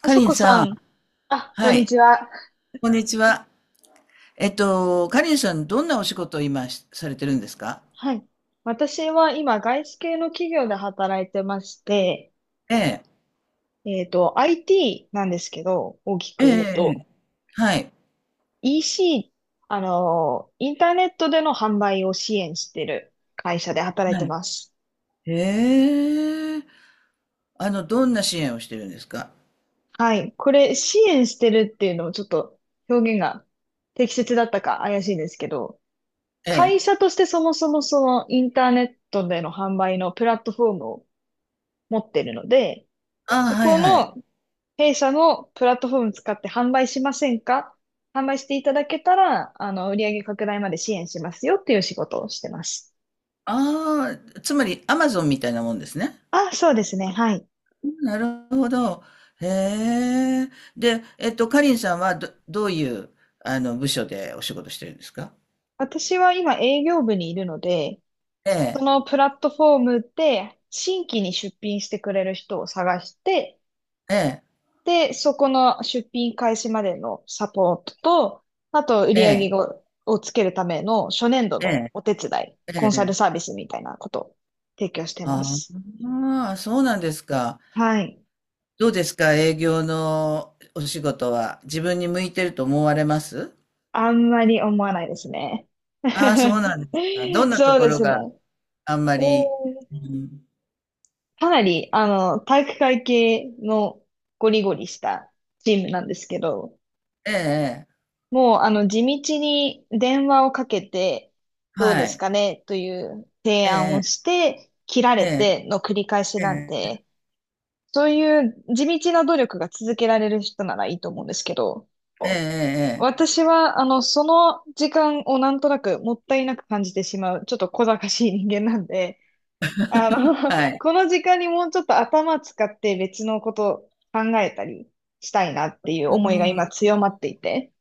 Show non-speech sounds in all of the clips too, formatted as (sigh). あかそりんこささん、ん、あ、こはんにい、ちは。こんにちは。かりんさん、どんなお仕事を今しされてるんですか？はい。私は今、外資系の企業で働いてまして、ええ、IT なんですけど、大きええ、く言うと、ええ、はい、EC、インターネットでの販売を支援してる会社で働いはてい。ます。ええ、どんな支援をしてるんですか？はい。これ、支援してるっていうのをちょっと表現が適切だったか怪しいんですけど、え会え、社としてそもそもそのインターネットでの販売のプラットフォームを持ってるので、ああ、そはい、こはい。の弊社のプラットフォーム使って販売しませんか？販売していただけたら、売上拡大まで支援しますよっていう仕事をしてます。ああ、つまり、アマゾンみたいなもんですね。あ、そうですね。はい。なるほど。へえ。で、かりんさんはどういう、部署でお仕事してるんですか？私は今営業部にいるので、えそえ、のプラットフォームで新規に出品してくれる人を探して、ええ、で、そこの出品開始までのサポートと、あと売ええ、上を、をつけるための初年度のえお手伝い、え、えコンサルサーえ。ビスみたいなことを提供してまあす。あ、そうなんですか。はい。どうですか、営業のお仕事は。自分に向いてると思われますあんまり思わないですね。(laughs) ああ、そうなんですか。どんなとそうこでろすが？ね。あんまうり、ん、うん、かなり、体育会系のゴリゴリしたチームなんですけど、ええ、ええ、もう、地道に電話をかけて、どうはですい、かねという提え案をえ、して、切らえれえ、ての繰り返しえなんえ、で、そういう地道な努力が続けられる人ならいいと思うんですけど、ええ、ええ、私は、その時間をなんとなくもったいなく感じてしまう、ちょっと小賢しい人間なんで、あの、は (laughs) い。この時間にもうちょっと頭使って別のこと考えたりしたいなっていうう思いが今ん、強まっていて、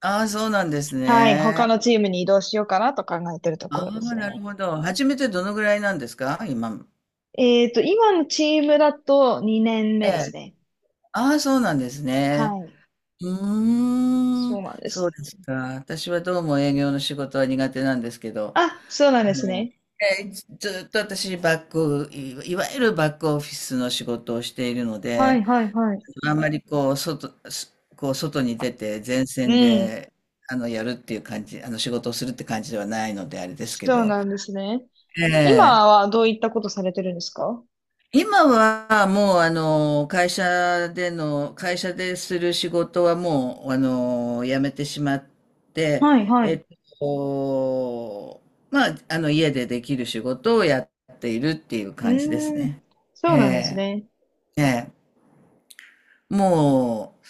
ああ、そうなんですはい、他ね。のチームに移動しようかなと考えてるとこあろあ、ですなるね。ほど。初めてどのぐらいなんですか、今。今のチームだと2年え目ですえ。ね。ああ、そうなんですはね。い、うーそうん、なんでそうす。ですか。私はどうも営業の仕事は苦手なんですけど、あ、そうあなんですの、ね。ずっと私バック、いいわゆるバックオフィスの仕事をしているのはで、い、はい、はい。あんまりこう、こう外に出て前う線ん、で、やるっていう感じ、仕事をするって感じではないので、あれですけそうど、なんですね。え今え、はどういったことされてるんですか？今はもう会社でする仕事はもう辞めてしまって、はい、はえい。っとまああの家でできる仕事をやっているっていうう感じですーん、ね。そえうなんですえ、ね。ええ、もう、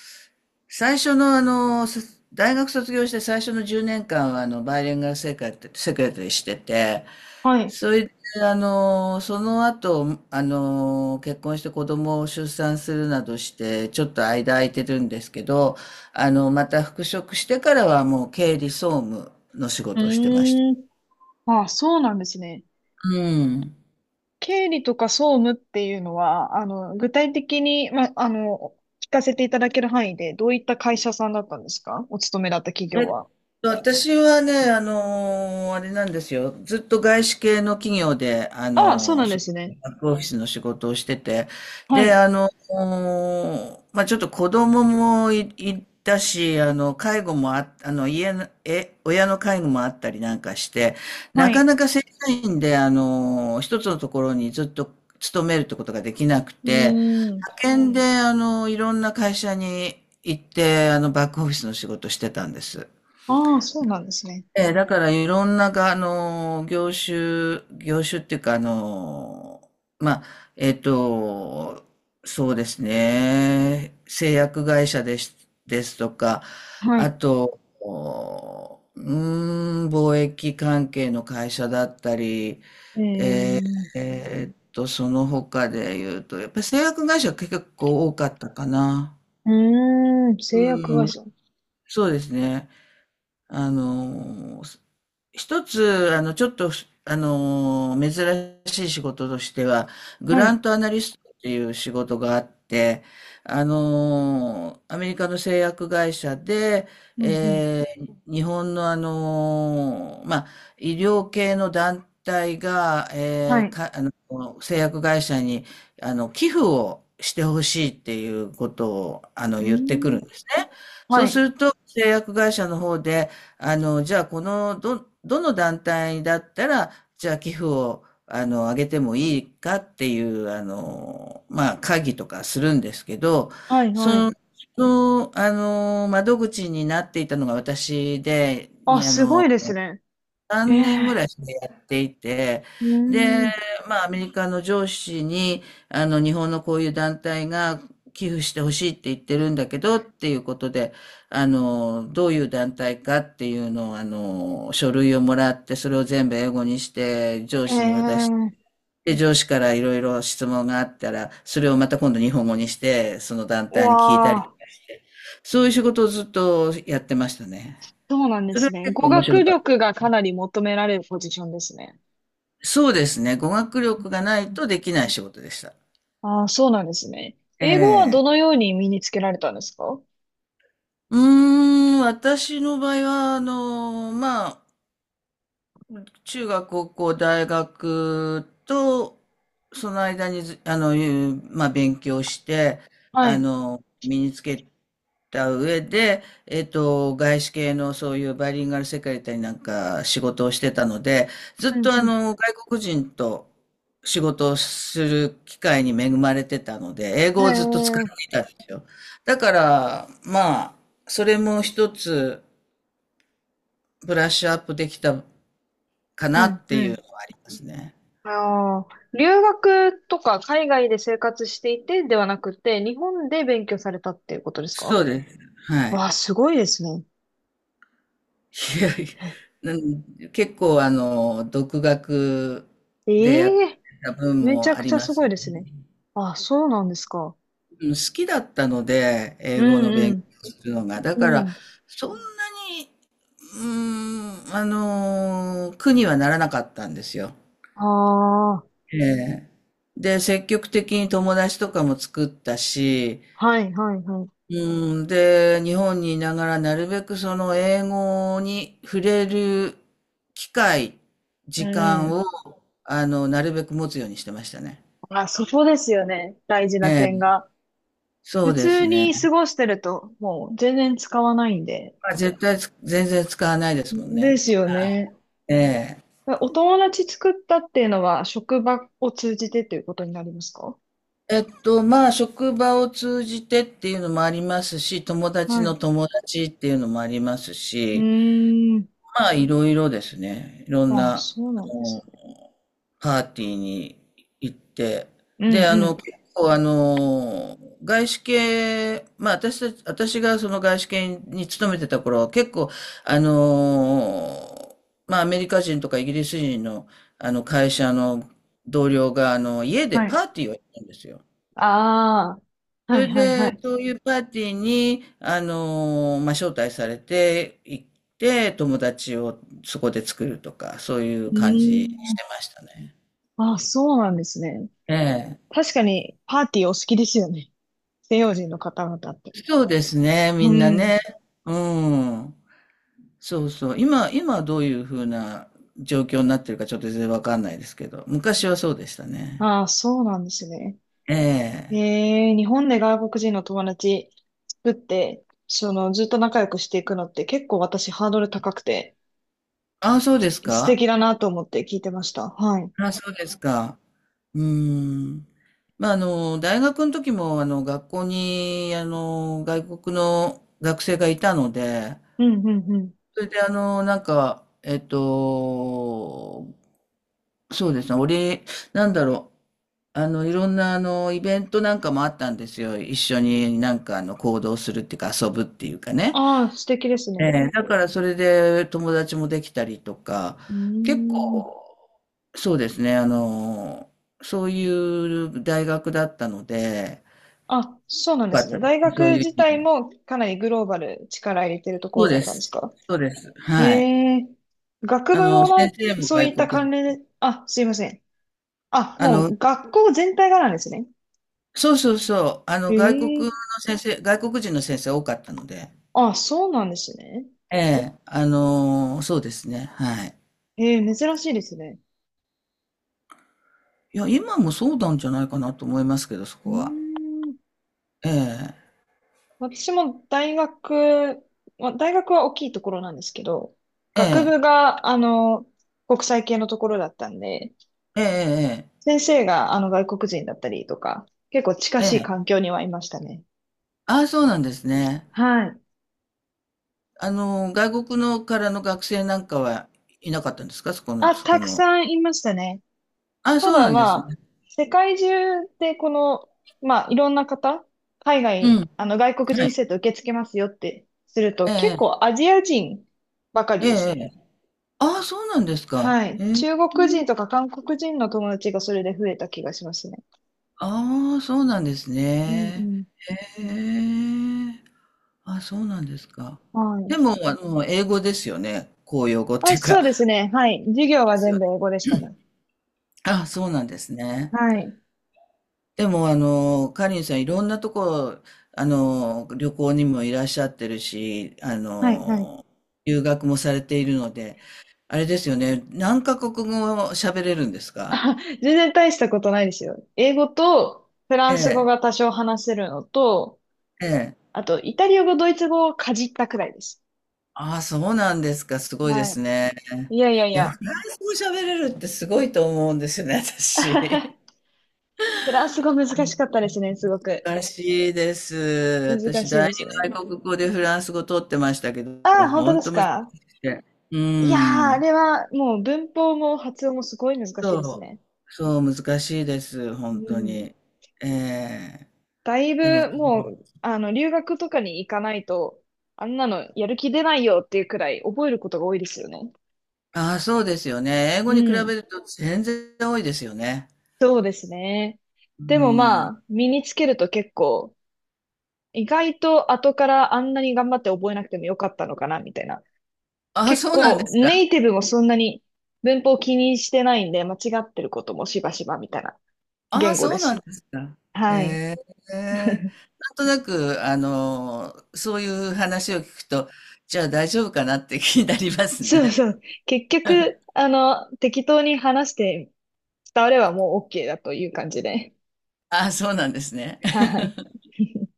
最初のあの、そ大学卒業して最初の10年間はあの、バイリンガルセクレタリーセクレタリーしてて、はい。それで、その後、結婚して子供を出産するなどして、ちょっと間空いてるんですけど、あの、また復職してからはもう経理総務の仕う事をしてました。ーん。あ、そうなんですね。うん。経理とか総務っていうのは、具体的に、聞かせていただける範囲で、どういった会社さんだったんですか？お勤めだった企業は。私はね、あれなんですよ。ずっと外資系の企業で、ああ、そうなんそでうすね。バックオフィスの仕事をしてて、はで、い、まあ、ちょっと子供もい、いたし、介護もあ、あの、家の、え、親の介護もあったりなんかして、はなかい。なか正社員で、一つのところにずっと勤めるってことができなくうて、ーん。派遣で、あのいろんな会社に行って、バックオフィスの仕事してたんです。ああ、そうなんですね。ええ、だからいろんなが、あの、業種、業種っていうか、まあ、えっと、そうですね、製薬会社です、ですとか、はあい。と、おうーん、貿易関係の会社だったり、えー、その他で言うと、やっぱり製薬会社が結構多かったかな。うーん、製薬う会ん、社。そうですね。あの、一つ、あの、ちょっと、珍しい仕事としては、グはランい。トアナリストっていう仕事があって、アメリカの製薬会社で、うん、うん。日本のあの、まあ、医療系の団体が、はえーい。か、あの、製薬会社に、寄付をしてほしいっていうことを、う言ってくーるんん。ですね。そはうすい。ると、製薬会社の方で、じゃあこの、どの団体だったら、じゃあ寄付を、あの、あげてもいいかっていう、まあ、会議とかするんですけど、はい、そはの、い。そのあの、窓口になっていたのが私で、あ、にあすごの、いですね。え3年え、ていて、うーで、ん。まあ、アメリカの上司に、日本のこういう団体が寄付してほしいって言ってるんだけど、っていうことで、どういう団体かっていうのを、書類をもらって、それを全部英語にして、上司に渡して、ええ。で、上司からいろいろ質問があったら、それをまた今度日本語にして、その団う体に聞いたわりとあ、かして、そういう仕事をずっとやってましたね。そうなんでそれはすね。結構語面白学かった。力がかなり求められるポジションですね。そうですね。語学力がないとできない仕事でした。ああ、そうなんですね。え英語はえ。どのように身につけられたんですか？うーん、私の場合は、まあ、中学、高校、大学と、その間にず、あの、いうまあ、勉強して、はい。身につけた上で、外資系のそういうバイリンガルセクレタリーなんか仕事をしてたので、ずっうん、とうん。外国人と仕事をする機会に恵まれてたので、英語をずっと使っええ。ていたんですよ。だから、まあ、それも一つブラッシュアップできたかうなん、ってういうん。のはありますね。ああ、留学とか海外で生活していてではなくて、日本で勉強されたっていうことですそか？うです。はわい。あ、すごいですね。いやいや、結構あの、独学でやっえてえ。た分めちもゃあくちりゃますごすいね。ですね。あ、そうなんですか。うん、好きだったので、英う語の勉強んするのが。だうん。かうら、ん。そんなに、うーん、あの苦にはならなかったんですよ。ああ、ええ、で、積極的に友達とかも作ったし、はいはいはい。うん、で、日本にいながらなるべくその英語に触れる機会、う時ん間を、うなるべく持つようにしてましたね。ん。あ、そこですよね。大事えなえ、点が。そ普うで通すね。に過ごしてると、もう全然使わないんで。まあ、絶対つ全然使わないですもんでね。すよね。ええ。お友達作ったっていうのは、職場を通じてということになりますか？まあ、職場を通じてっていうのもありますし、友達はのい。友達っていうのもありますうし、ーん。まあ、いろいろですね。いろんあ、な、そうあなんですの、ね。パーティーに行って、うんで、うん。結構、外資系、まあ、私たち、私がその外資系に勤めてた頃は、結構、あの、まあ、アメリカ人とかイギリス人の、会社の同僚が、家ではパーい。ティーをやったんですよ。ああ、そはいれはいはで、い。そういうパーティーに、まあ、招待されて行って、友達をそこで作るとか、そういうう感じーにしてん。ましたね。あ、そうなんですね。ええ。確かにパーティーお好きですよね。西洋人の方々って。そうですね、みうんなね。ん。うん。そうそう。今どういうふうな状況になってるかちょっと全然わかんないですけど、昔はそうでしたね。ああ、そうなんですね。ええ。日本で外国人の友達作って、ずっと仲良くしていくのって結構私ハードル高くて、ああ、そうです素か。敵だなと思って聞いてました。はい。あ、そうですか。うーん。まあ、大学の時も、学校に、外国の学生がいたので、うん、うん、うん。それで、そうですね、俺、なんだろう、いろんな、イベントなんかもあったんですよ。一緒になんか、行動するっていうか、遊ぶっていうかね。ああ、素敵ですえね。え、だからそれで友達もできたりとか、うー結ん。構、そうですね、そういう大学だったので、あ、そうなよんでかすっね。たで大すね、そう学いう意自体味で。もかなりグローバル力入れてるとそこうろだでったんですす、か？そうです、えはい。え、学部も先な、生もそうい外った国関人、連で、あ、すいません。あ、あもの、う学校全体がなんですね。そうそうそう、え外国のえ。先生、外国人の先生多かったので、あ、そうなんですね。ええ、そうですね、はい。ええ、珍しいですね。いや、今もそうなんじゃないかなと思いますけど、そうこーは。ん。ええ、私も大学、まあ、大学は大きいところなんですけど、え学え、部が、国際系のところだったんで、ええ、先生が、外国人だったりとか、結構近ええ、しえいえ。環境にはいましたね。ああ、そうなんですね。はい。あの、外国のからの学生なんかはいなかったんですか、そこの、あ、そこたくの。さんいましたね。ああ、たそうだなんでますね。あ、世界中でこの、まあ、いろんな方、海うん。外、外国は人い。生徒受け付けますよってすると、え結え、構アジア人ばかりえでえ、すええ。ね。ああ、そうなんですか。はへい。え。中国人とか韓国人の友達がそれで増えた気がしますね。ああ、そうなんですうんうね。ん。へえ。あ、そうなんですか。はい。でも、英語ですよね。公用語ってあ、いうそか。うですね。はい。授業ではすよ全部ね。英語でしたね。ああ、そうなんですね。はい。でも、カリンさん、いろんなとこ、旅行にもいらっしゃってるし、はい、はい。留学もされているので、あれですよね、何カ国語喋れるんです (laughs) か？あ、全然大したことないですよ。英語とフラえンス語え、が多少話せるのと、ええ。あと、イタリア語、ドイツ語をかじったくらいです。ああ、そうなんですか、すごいではすい。ね。いやいやいでも、や。フランス語喋れるってすごいと思うんですよね、私。(laughs) フランス語難しかったですね、すごく。難しいです。難私、しい第です二ね。外国語でフランス語取ってましたけど、ああ、本当本です当難しか。くて。ういやー、あん。れはもう文法も発音もすごい難しいそですね。う、そう、難しいです、本う当ん。に。ええ、だいでも、ぶもう、留学とかに行かないと、あんなのやる気出ないよっていうくらい覚えることが多いですよね。ああ、そうですよね。英う語に比べん。ると全然多いですよね。そうですね。うでもまん。あ、身につけると結構、意外と後からあんなに頑張って覚えなくてもよかったのかな、みたいな。ああ、結そうなんで構すか。ネイティブもそんなに文法を気にしてないんで、間違ってることもしばしばみたいなあ言あ、語そでうなんす。ですか。へはい。え。なんとなく、そういう話を聞くと、じゃあ大丈夫かなって気になりますそうね。そう。結局、適当に話して伝わればもう OK だという感じで。ああ、そうなんですね。はい。(laughs)